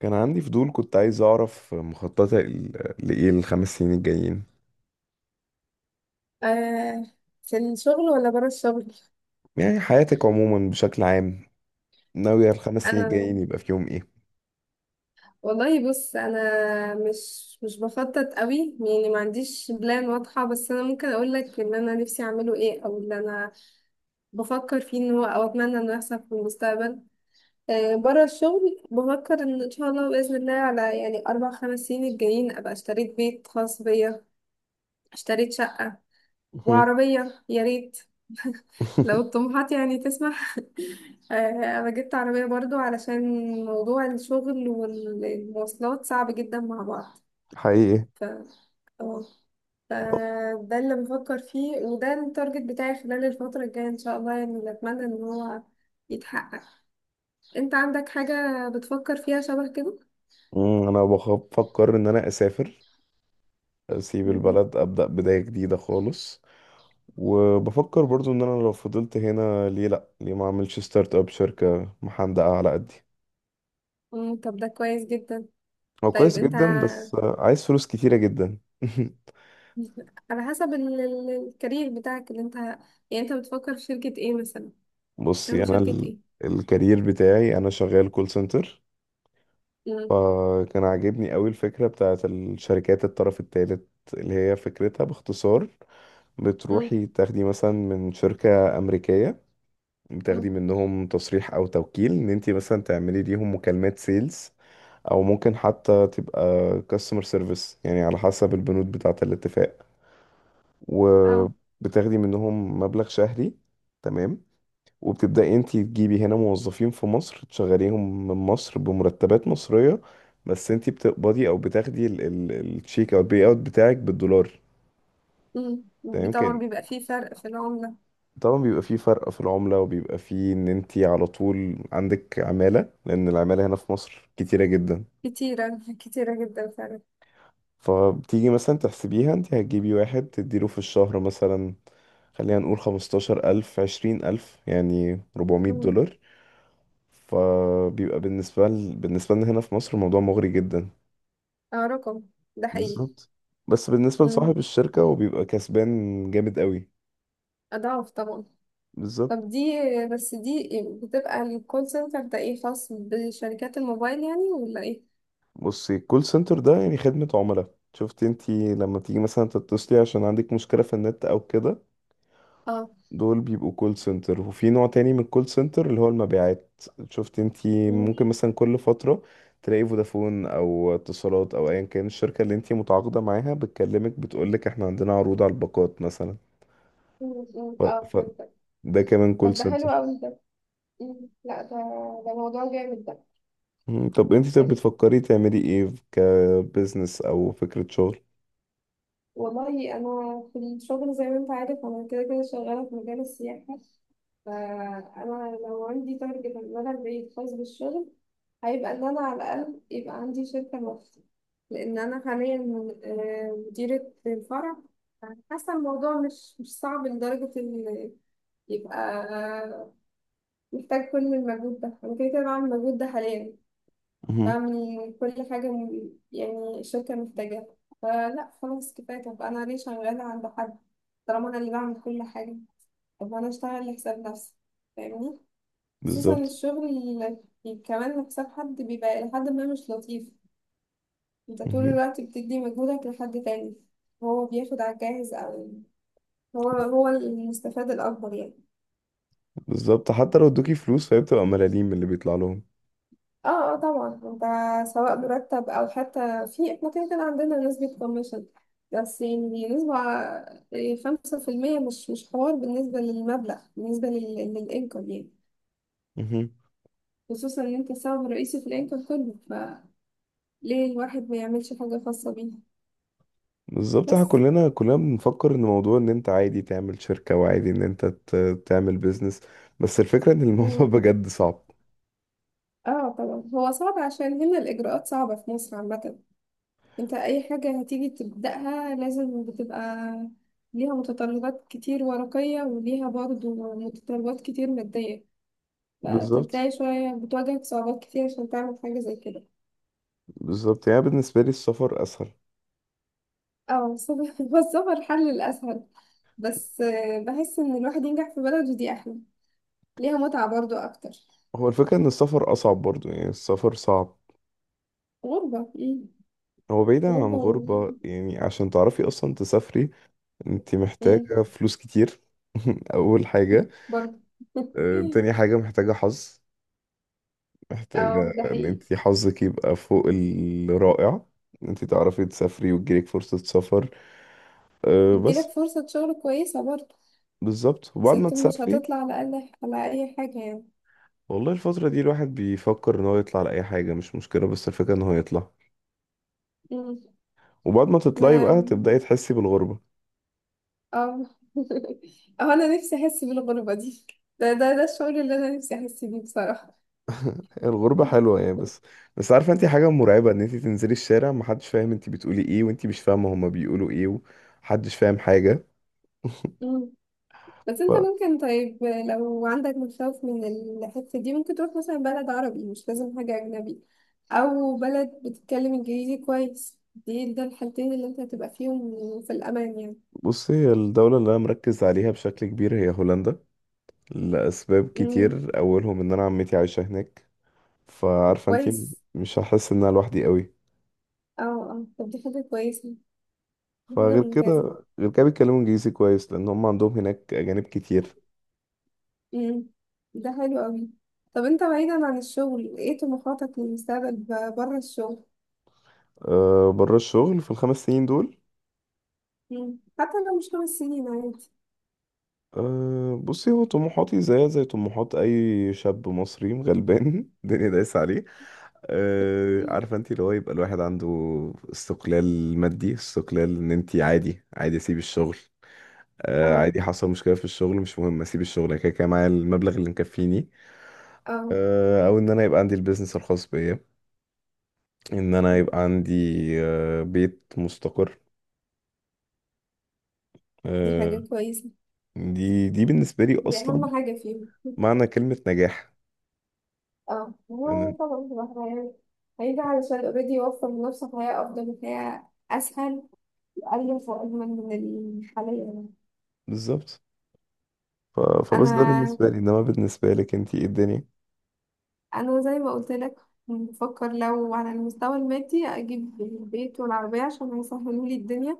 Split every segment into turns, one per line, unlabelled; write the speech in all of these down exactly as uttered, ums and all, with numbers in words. كان عندي فضول، كنت عايز أعرف مخططك ل- لإيه الخمس سنين الجايين؟
آه، في الشغل ولا بره الشغل؟
يعني حياتك عموما بشكل عام، ناوية الخمس سنين
انا
الجايين يبقى فيهم إيه؟
والله بص انا مش مش بخطط قوي، يعني ما عنديش بلان واضحه. بس انا ممكن اقول لك ان انا نفسي اعمله ايه او اللي انا بفكر فيه ان هو، او اتمنى انه يحصل في المستقبل. آه، بره الشغل بفكر ان ان شاء الله باذن الله على يعني اربع خمس سنين الجايين ابقى اشتريت بيت خاص بيا، اشتريت شقه
مهم.
وعربيه، يا ريت لو الطموحات يعني تسمح. آه، انا جبت عربية برضو علشان موضوع الشغل والمواصلات صعب جدا مع بعض.
حقيقي.
ف آه، ف- ده اللي بفكر فيه وده التارجت بتاعي خلال الفترة الجاية ان شاء الله، يعني اللي اتمنى ان هو يتحقق. انت عندك حاجة بتفكر فيها شبه كده؟
أمم، أنا بخ- بفكر إن أنا أسافر، أسيب
مهم.
البلد، أبدأ بداية جديدة خالص. وبفكر برضو إن أنا لو فضلت هنا، ليه لأ؟ ليه ما أعملش ستارت أب شركة محندقة على قدي؟
مم، طب ده كويس جدا.
هو
طيب
كويس
انت
جدا، بس عايز فلوس كتيرة جدا.
على حسب ال- ال- الكارير بتاعك اللي انت يعني، انت بتفكر في شركة ايه مثلا؟
بصي،
تعمل
أنا
شركة
ال...
ايه؟
الكارير بتاعي، أنا شغال كول سنتر. فكان عاجبني قوي الفكرة بتاعت الشركات الطرف الثالث، اللي هي فكرتها باختصار،
مم.
بتروحي تاخدي مثلا من شركة أمريكية، بتاخدي
مم.
منهم تصريح أو توكيل إن أنت مثلا تعملي ليهم مكالمات سيلز، أو ممكن حتى تبقى كاستمر سيرفيس، يعني على حسب البنود بتاعة الاتفاق،
أو.
وبتاخدي منهم مبلغ شهري. تمام. وبتبدأي انت تجيبي هنا موظفين في مصر، تشغليهم من مصر بمرتبات مصرية، بس انت بتقبضي او بتاخدي ال- ال- التشيك او البي اوت بتاعك بالدولار.
مم. بي-
تمام،
طبعا
كان
بيبقى فيه فرق في العملة.
طبعا بيبقى فيه فرق في العملة، وبيبقى فيه ان انت على طول عندك عمالة، لان العمالة هنا في مصر كتيرة جدا.
كتيرة كتيرة جدا فعلا.
فبتيجي مثلا تحسبيها، انت هتجيبي واحد تديله في الشهر مثلا، خلينا نقول خمستاشر ألف، عشرين ألف، يعني ربعمية
مم.
دولار فبيبقى بالنسبة ل... بالنسبة لنا هنا في مصر، الموضوع مغري جدا.
اه رقم. ده حقيقي.
بالظبط. بس بالنسبة
مم.
لصاحب الشركة، هو بيبقى كسبان جامد قوي.
أضعاف طبعا.
بالظبط.
طب دي، بس دي بتبقى الكول سنتر ده ايه، خاص بشركات الموبايل يعني ولا ايه؟
بصي، الكول سنتر ده يعني خدمة عملاء. شفتي انتي لما تيجي مثلا تتصلي عشان عندك مشكلة في النت او كده؟
اه.
دول بيبقوا كول سنتر. وفي نوع تاني من الكول سنتر اللي هو المبيعات. شفتي انتي
مم.
ممكن مثلا كل فترة تلاقي فودافون او اتصالات او ايا كان الشركة اللي انتي متعاقدة معاها بتكلمك، بتقولك احنا عندنا عروض على الباقات مثلا.
مم. مم.
ف...
اه
ف...
فهمتك.
ده كمان كول
طب ده حلو
سنتر.
أوي ده. مم. لا ده ده موضوع جامد ده.
مم. طب انت طب
حلو.
بتفكري تعملي ايه كبزنس او فكرة شغل؟
والله أنا في الشغل زي ما أنت عارف أنا كده كده شغالة في مجال السياحة. فأنا لو عندي تارجت على المدى البعيد خاص بالشغل هيبقى إن أنا على الأقل يبقى عندي شركة لوحدي. لأن أنا حاليا آه، مديرة الفرع. حاسة الموضوع مش مش صعب لدرجة إن يبقى محتاج كل المجهود ده، أنا كده كده بعمل المجهود ده حاليا.
مهم.
بعمل كل حاجة م- يعني الشركة محتاجاها. فلا خلاص كفاية، طب أنا ليه شغالة عند حد طالما أنا اللي بعمل كل حاجة؟ طب أنا أشتغل لحساب نفسي، فاهمني. خصوصا
بالظبط.
الشغل اللي كمان لحساب حد بيبقى لحد ما مش لطيف. أنت طول
مهم.
الوقت بتدي مجهودك لحد تاني، هو بياخد على الجاهز، أو هو هو المستفاد الأكبر يعني.
بالظبط، حتى لو ادوكي فلوس فهي بتبقى ملاليم من اللي بيطلع لهم.
اه اه طبعا انت، سواء مرتب او حتى في، احنا كده كده عندنا نسبة كوميشن، بس يعني نسبة، يعني خمسة في المية مش مش حوار بالنسبة للمبلغ، بالنسبة للإنكم يعني.
مهم.
خصوصا إن أنت السبب الرئيسي في الإنكم كله، فليه الواحد ما يعملش حاجة خاصة بيه؟
بالظبط. احنا
بس.
كلنا كلنا بنفكر ان موضوع، ان انت عادي تعمل شركة وعادي ان انت ت- تعمل بيزنس، بس الفكرة ان الموضوع
مم.
بجد صعب.
اه طبعا هو صعب عشان هنا الإجراءات صعبة في مصر عامة. انت اي حاجة هتيجي تبدأها لازم بتبقى ليها متطلبات كتير ورقية، وليها برضو متطلبات كتير مادية.
بالظبط.
فتلاقي شوية بتواجهك صعوبات كتير عشان تعمل حاجة زي كده.
بالظبط، يعني بالنسبة لي السفر اسهل.
اه الصبر هو الصبر حل الأسهل. بس آه، بحس إن الواحد ينجح في بلده دي أحلى. ليها متعة برضو أكتر.
هو الفكرة ان السفر اصعب برضو، يعني السفر صعب.
غربة. مم.
هو بعيدا عن
غربة و...
غربة، يعني عشان تعرفي أصلا تسافري، أنت
مم.
محتاجة فلوس كتير. أول حاجة.
برضو.
آه، تاني حاجة، محتاجة حظ، محتاجة
اه ده
إن
حقيقي.
أنت حظك يبقى فوق الرائع، إن أنت تعرفي تسافري وتجيلك فرصة سفر. آه،
بتجيلك
بس.
فرصة شغل كويسة برضو.
بالظبط.
بس
وبعد ما
انت مش
تسافري،
هتطلع على الأقل على أي حاجة يعني.
والله الفترة دي الواحد بيفكر إن هو يطلع لأي حاجة مش مشكلة، بس الفكرة إن هو يطلع.
مم.
وبعد ما تطلعي بقى تبدأي
ما-
تحسي بالغربة.
اه. اه انا نفسي احس بالغربة دي. ده ده ده الشعور اللي انا نفسي احس بيه بصراحة.
الغربة حلوة يعني، بس بس عارفة انت حاجة مرعبة، ان انت تنزلي الشارع، محدش فاهم انت بتقولي ايه، وانت مش فاهمة هما بيقولوا ايه، ومحدش فاهم حاجة.
مم. بس انت ممكن، طيب لو عندك مخاوف من الحتة دي ممكن تروح مثلا بلد عربي، مش لازم حاجة أجنبي. أو بلد بتتكلم إنجليزي كويس، دي ده الحالتين اللي انت هتبقى فيهم في الأمان يعني.
فبصي، هي الدولة اللي انا مركز عليها بشكل كبير هي هولندا، لأسباب
مم.
كتير، اولهم ان انا عمتي عايشة هناك، فعارفة انت،
كويس.
مش هحس ان انا لوحدي قوي.
اه اه طب دي حاجة كويسة. دي حاجة
فغير
ممتازة.
كده غير كده بيتكلموا انجليزي كويس، لان هم عندهم هناك اجانب كتير.
امم. ده حلو قوي. طب انت بعيدا عن الشغل ايه طموحاتك للمستقبل ب- بره الشغل؟
أه، بره الشغل في الخمس سنين دول،
مم. حتى لو مش خمس سنين عادي.
أه بصي، هو طموحاتي زيها زي طموحات اي شاب مصري غلبان الدنيا دايسه عليه. أه، عارفه انت، اللي هو يبقى الواحد عنده استقلال مادي، استقلال ان انت عادي عادي اسيب الشغل. أه،
اه
عادي حصل مشكله في الشغل، مش مهم اسيب الشغل، أنا كده كده معايا المبلغ اللي مكفيني.
اه
أه، او ان انا يبقى عندي البيزنس الخاص بيا، ان انا يبقى عندي أه بيت مستقر.
دي
أه.
حاجة كويسة.
دي دي بالنسبه لي
دي
اصلا
أهم حاجة فيهم.
معنى كلمه نجاح.
اه
أنا-
هو طبعا بصراحة يعني هيجي علشان اوريدي يوفر لنفسه حياة أفضل وحياة أسهل، وأقل، وأجمل من الحالية يعني.
بالظبط. ف... فبس ده
أنا،
بالنسبة لي، انما بالنسبة لك انتي ايه الدنيا؟
أنا زي ما قلت لك بفكر لو على المستوى المادي أجيب البيت والعربية عشان هيسهلوا لي الدنيا.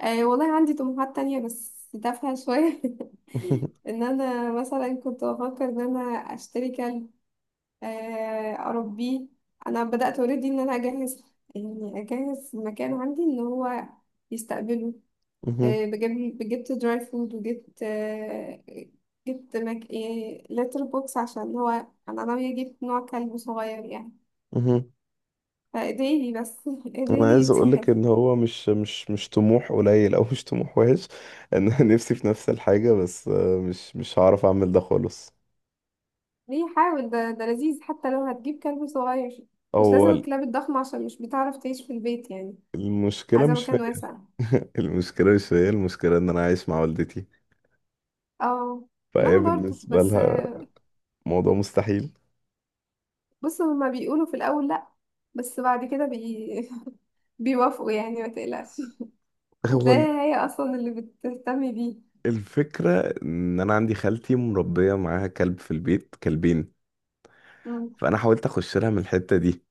آه والله عندي طموحات تانية بس تافهة شوية ان انا مثلا كنت بفكر ان انا اشتري كلب. آه، اربيه. انا بدأت اوريدي ان انا اجهز، يعني اجهز مكان عندي ان هو يستقبله.
مهم.
آه بجيب جبت دراي فود، وجبت آه جبت مك... آه لتر بوكس عشان هو. انا ناوية اجيب نوع كلب صغير يعني
مهم.
فايديلي بس
انا
ايديلي
عايز اقول لك
يتسحب.
ان هو مش مش مش طموح قليل، او مش طموح وحش، ان انا نفسي في نفس الحاجة، بس آه، مش مش هعرف اعمل ده خالص.
ليه؟ حاول، ده ده لذيذ حتى لو هتجيب كلب صغير. مش
هو
لازم الكلاب الضخمة عشان مش بتعرف تعيش في البيت يعني.
المشكلة
عايزة
مش فيا.
مكان واسع.
المشكلة مش فيا، المشكلة ان انا عايش مع والدتي،
اه، ما
فهي
انا برضو
بالنسبة
بس.
لها موضوع مستحيل.
بص هما بيقولوا في الاول لا، بس بعد كده بي... بيوافقوا يعني ما تقلقش.
هو
هتلاقي
ال-
هي اصلا اللي بتهتم بيه.
الفكرة ان انا عندي خالتي مربية معاها كلب في البيت، كلبين.
مم.
فانا حاولت اخش لها من الحتة دي،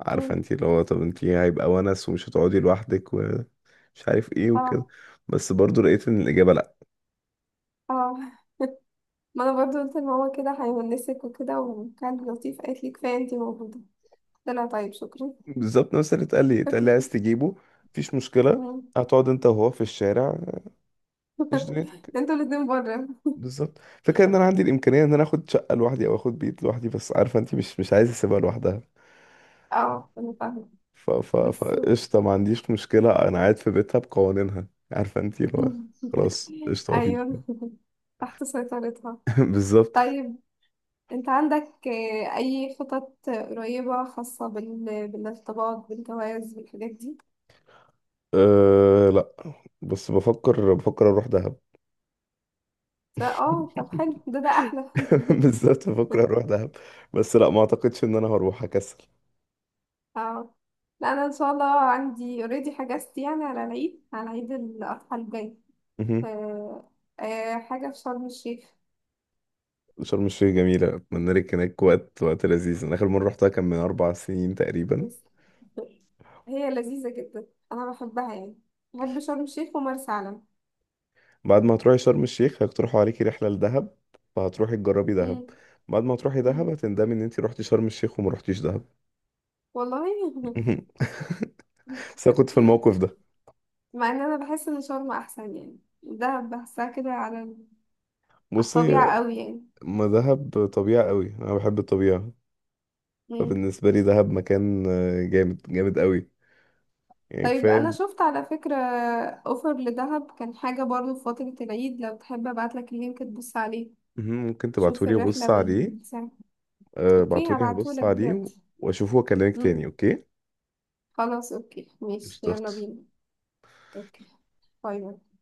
عارفه
مم.
انت اللي هو، طب انت هيبقى ونس، ومش هتقعدي لوحدك، ومش عارف ايه وكده،
اه
بس برضو لقيت ان الاجابه لا.
اه، ما انا برضو قلت لماما كده هيونسك وكده، وكان لطيف قالت لي كفايه انتي موجوده. قلت لها طيب شكرا.
بالظبط، نفس اللي اتقال لي. اتقال لي عايز تجيبه؟ مفيش مشكله،
مم.
هتقعد انت وهو في الشارع، ايش دنيتك.
انتوا الاتنين بره.
بالظبط. فكره ان انا عندي الامكانيه ان انا اخد شقه لوحدي او اخد بيت لوحدي، بس عارفه انت، مش مش عايز اسيبها لوحدها.
اه انا فاهمة.
ف ف
بس
فقشطه، ما عنديش مشكله، انا قاعد في بيتها بقوانينها. عارفه انت اللي هو، خلاص قشطه، مفيش.
أيوه. تحت سيطرتها.
بالظبط.
طيب أنت عندك آه، أي خطط قريبة خاصة بال... بالارتباط بالجواز بالحاجات دي؟
أه، لا. بس بفكر بفكر اروح دهب.
ف- اه طب حلو ده ده أحلى
بالظبط، بفكر اروح دهب. بس لا، ما اعتقدش ان انا هروح، هكسل.
اه لا، أنا إن شاء الله عندي اوريدي حجزت يعني على العيد، على عيد الأضحى الجاي.
مهم.
آه، آه، حاجة في شرم الشيخ.
شرم الشيخ جميلة، أتمنى لك هناك وقت وقت لذيذ. أنا آخر مرة رحتها كان من أربع سنين تقريبا.
بس هي لذيذة جدا، أنا بحبها يعني، بحب شرم الشيخ ومرسى علم.
بعد ما هتروحي شرم الشيخ، هيقترحوا عليكي رحلة لدهب، فهتروحي تجربي دهب.
مم.
بعد ما تروحي دهب،
مم.
هتندمي إن أنت رحتي شرم الشيخ وما رحتيش دهب.
والله
مهم. بس أنا كنت في الموقف ده.
مع ان انا بحس ان شرم احسن يعني، ده بحسها كده على ال- على
بصي،
الطبيعة قوي يعني.
ما دهب طبيعة قوي، أنا بحب الطبيعة.
مم.
فبالنسبة لي دهب مكان آه، جامد جامد قوي، يعني
طيب انا
كفاية.
شفت على فكرة اوفر لدهب كان حاجة برضو في فترة العيد، لو تحب ابعتلك اللينك تبص عليه.
مهم. ممكن
شوف
تبعتولي ابص
الرحلة
عليه.
والساعة.
أه
اوكي
بعتولي هبص
هبعتهولك
عليه و-
دلوقتي.
واشوفه واكلمك
مم.
تاني، اوكي؟
خلاص اوكي ماشي يلا
قشطة.
بينا. اوكي. باي باي.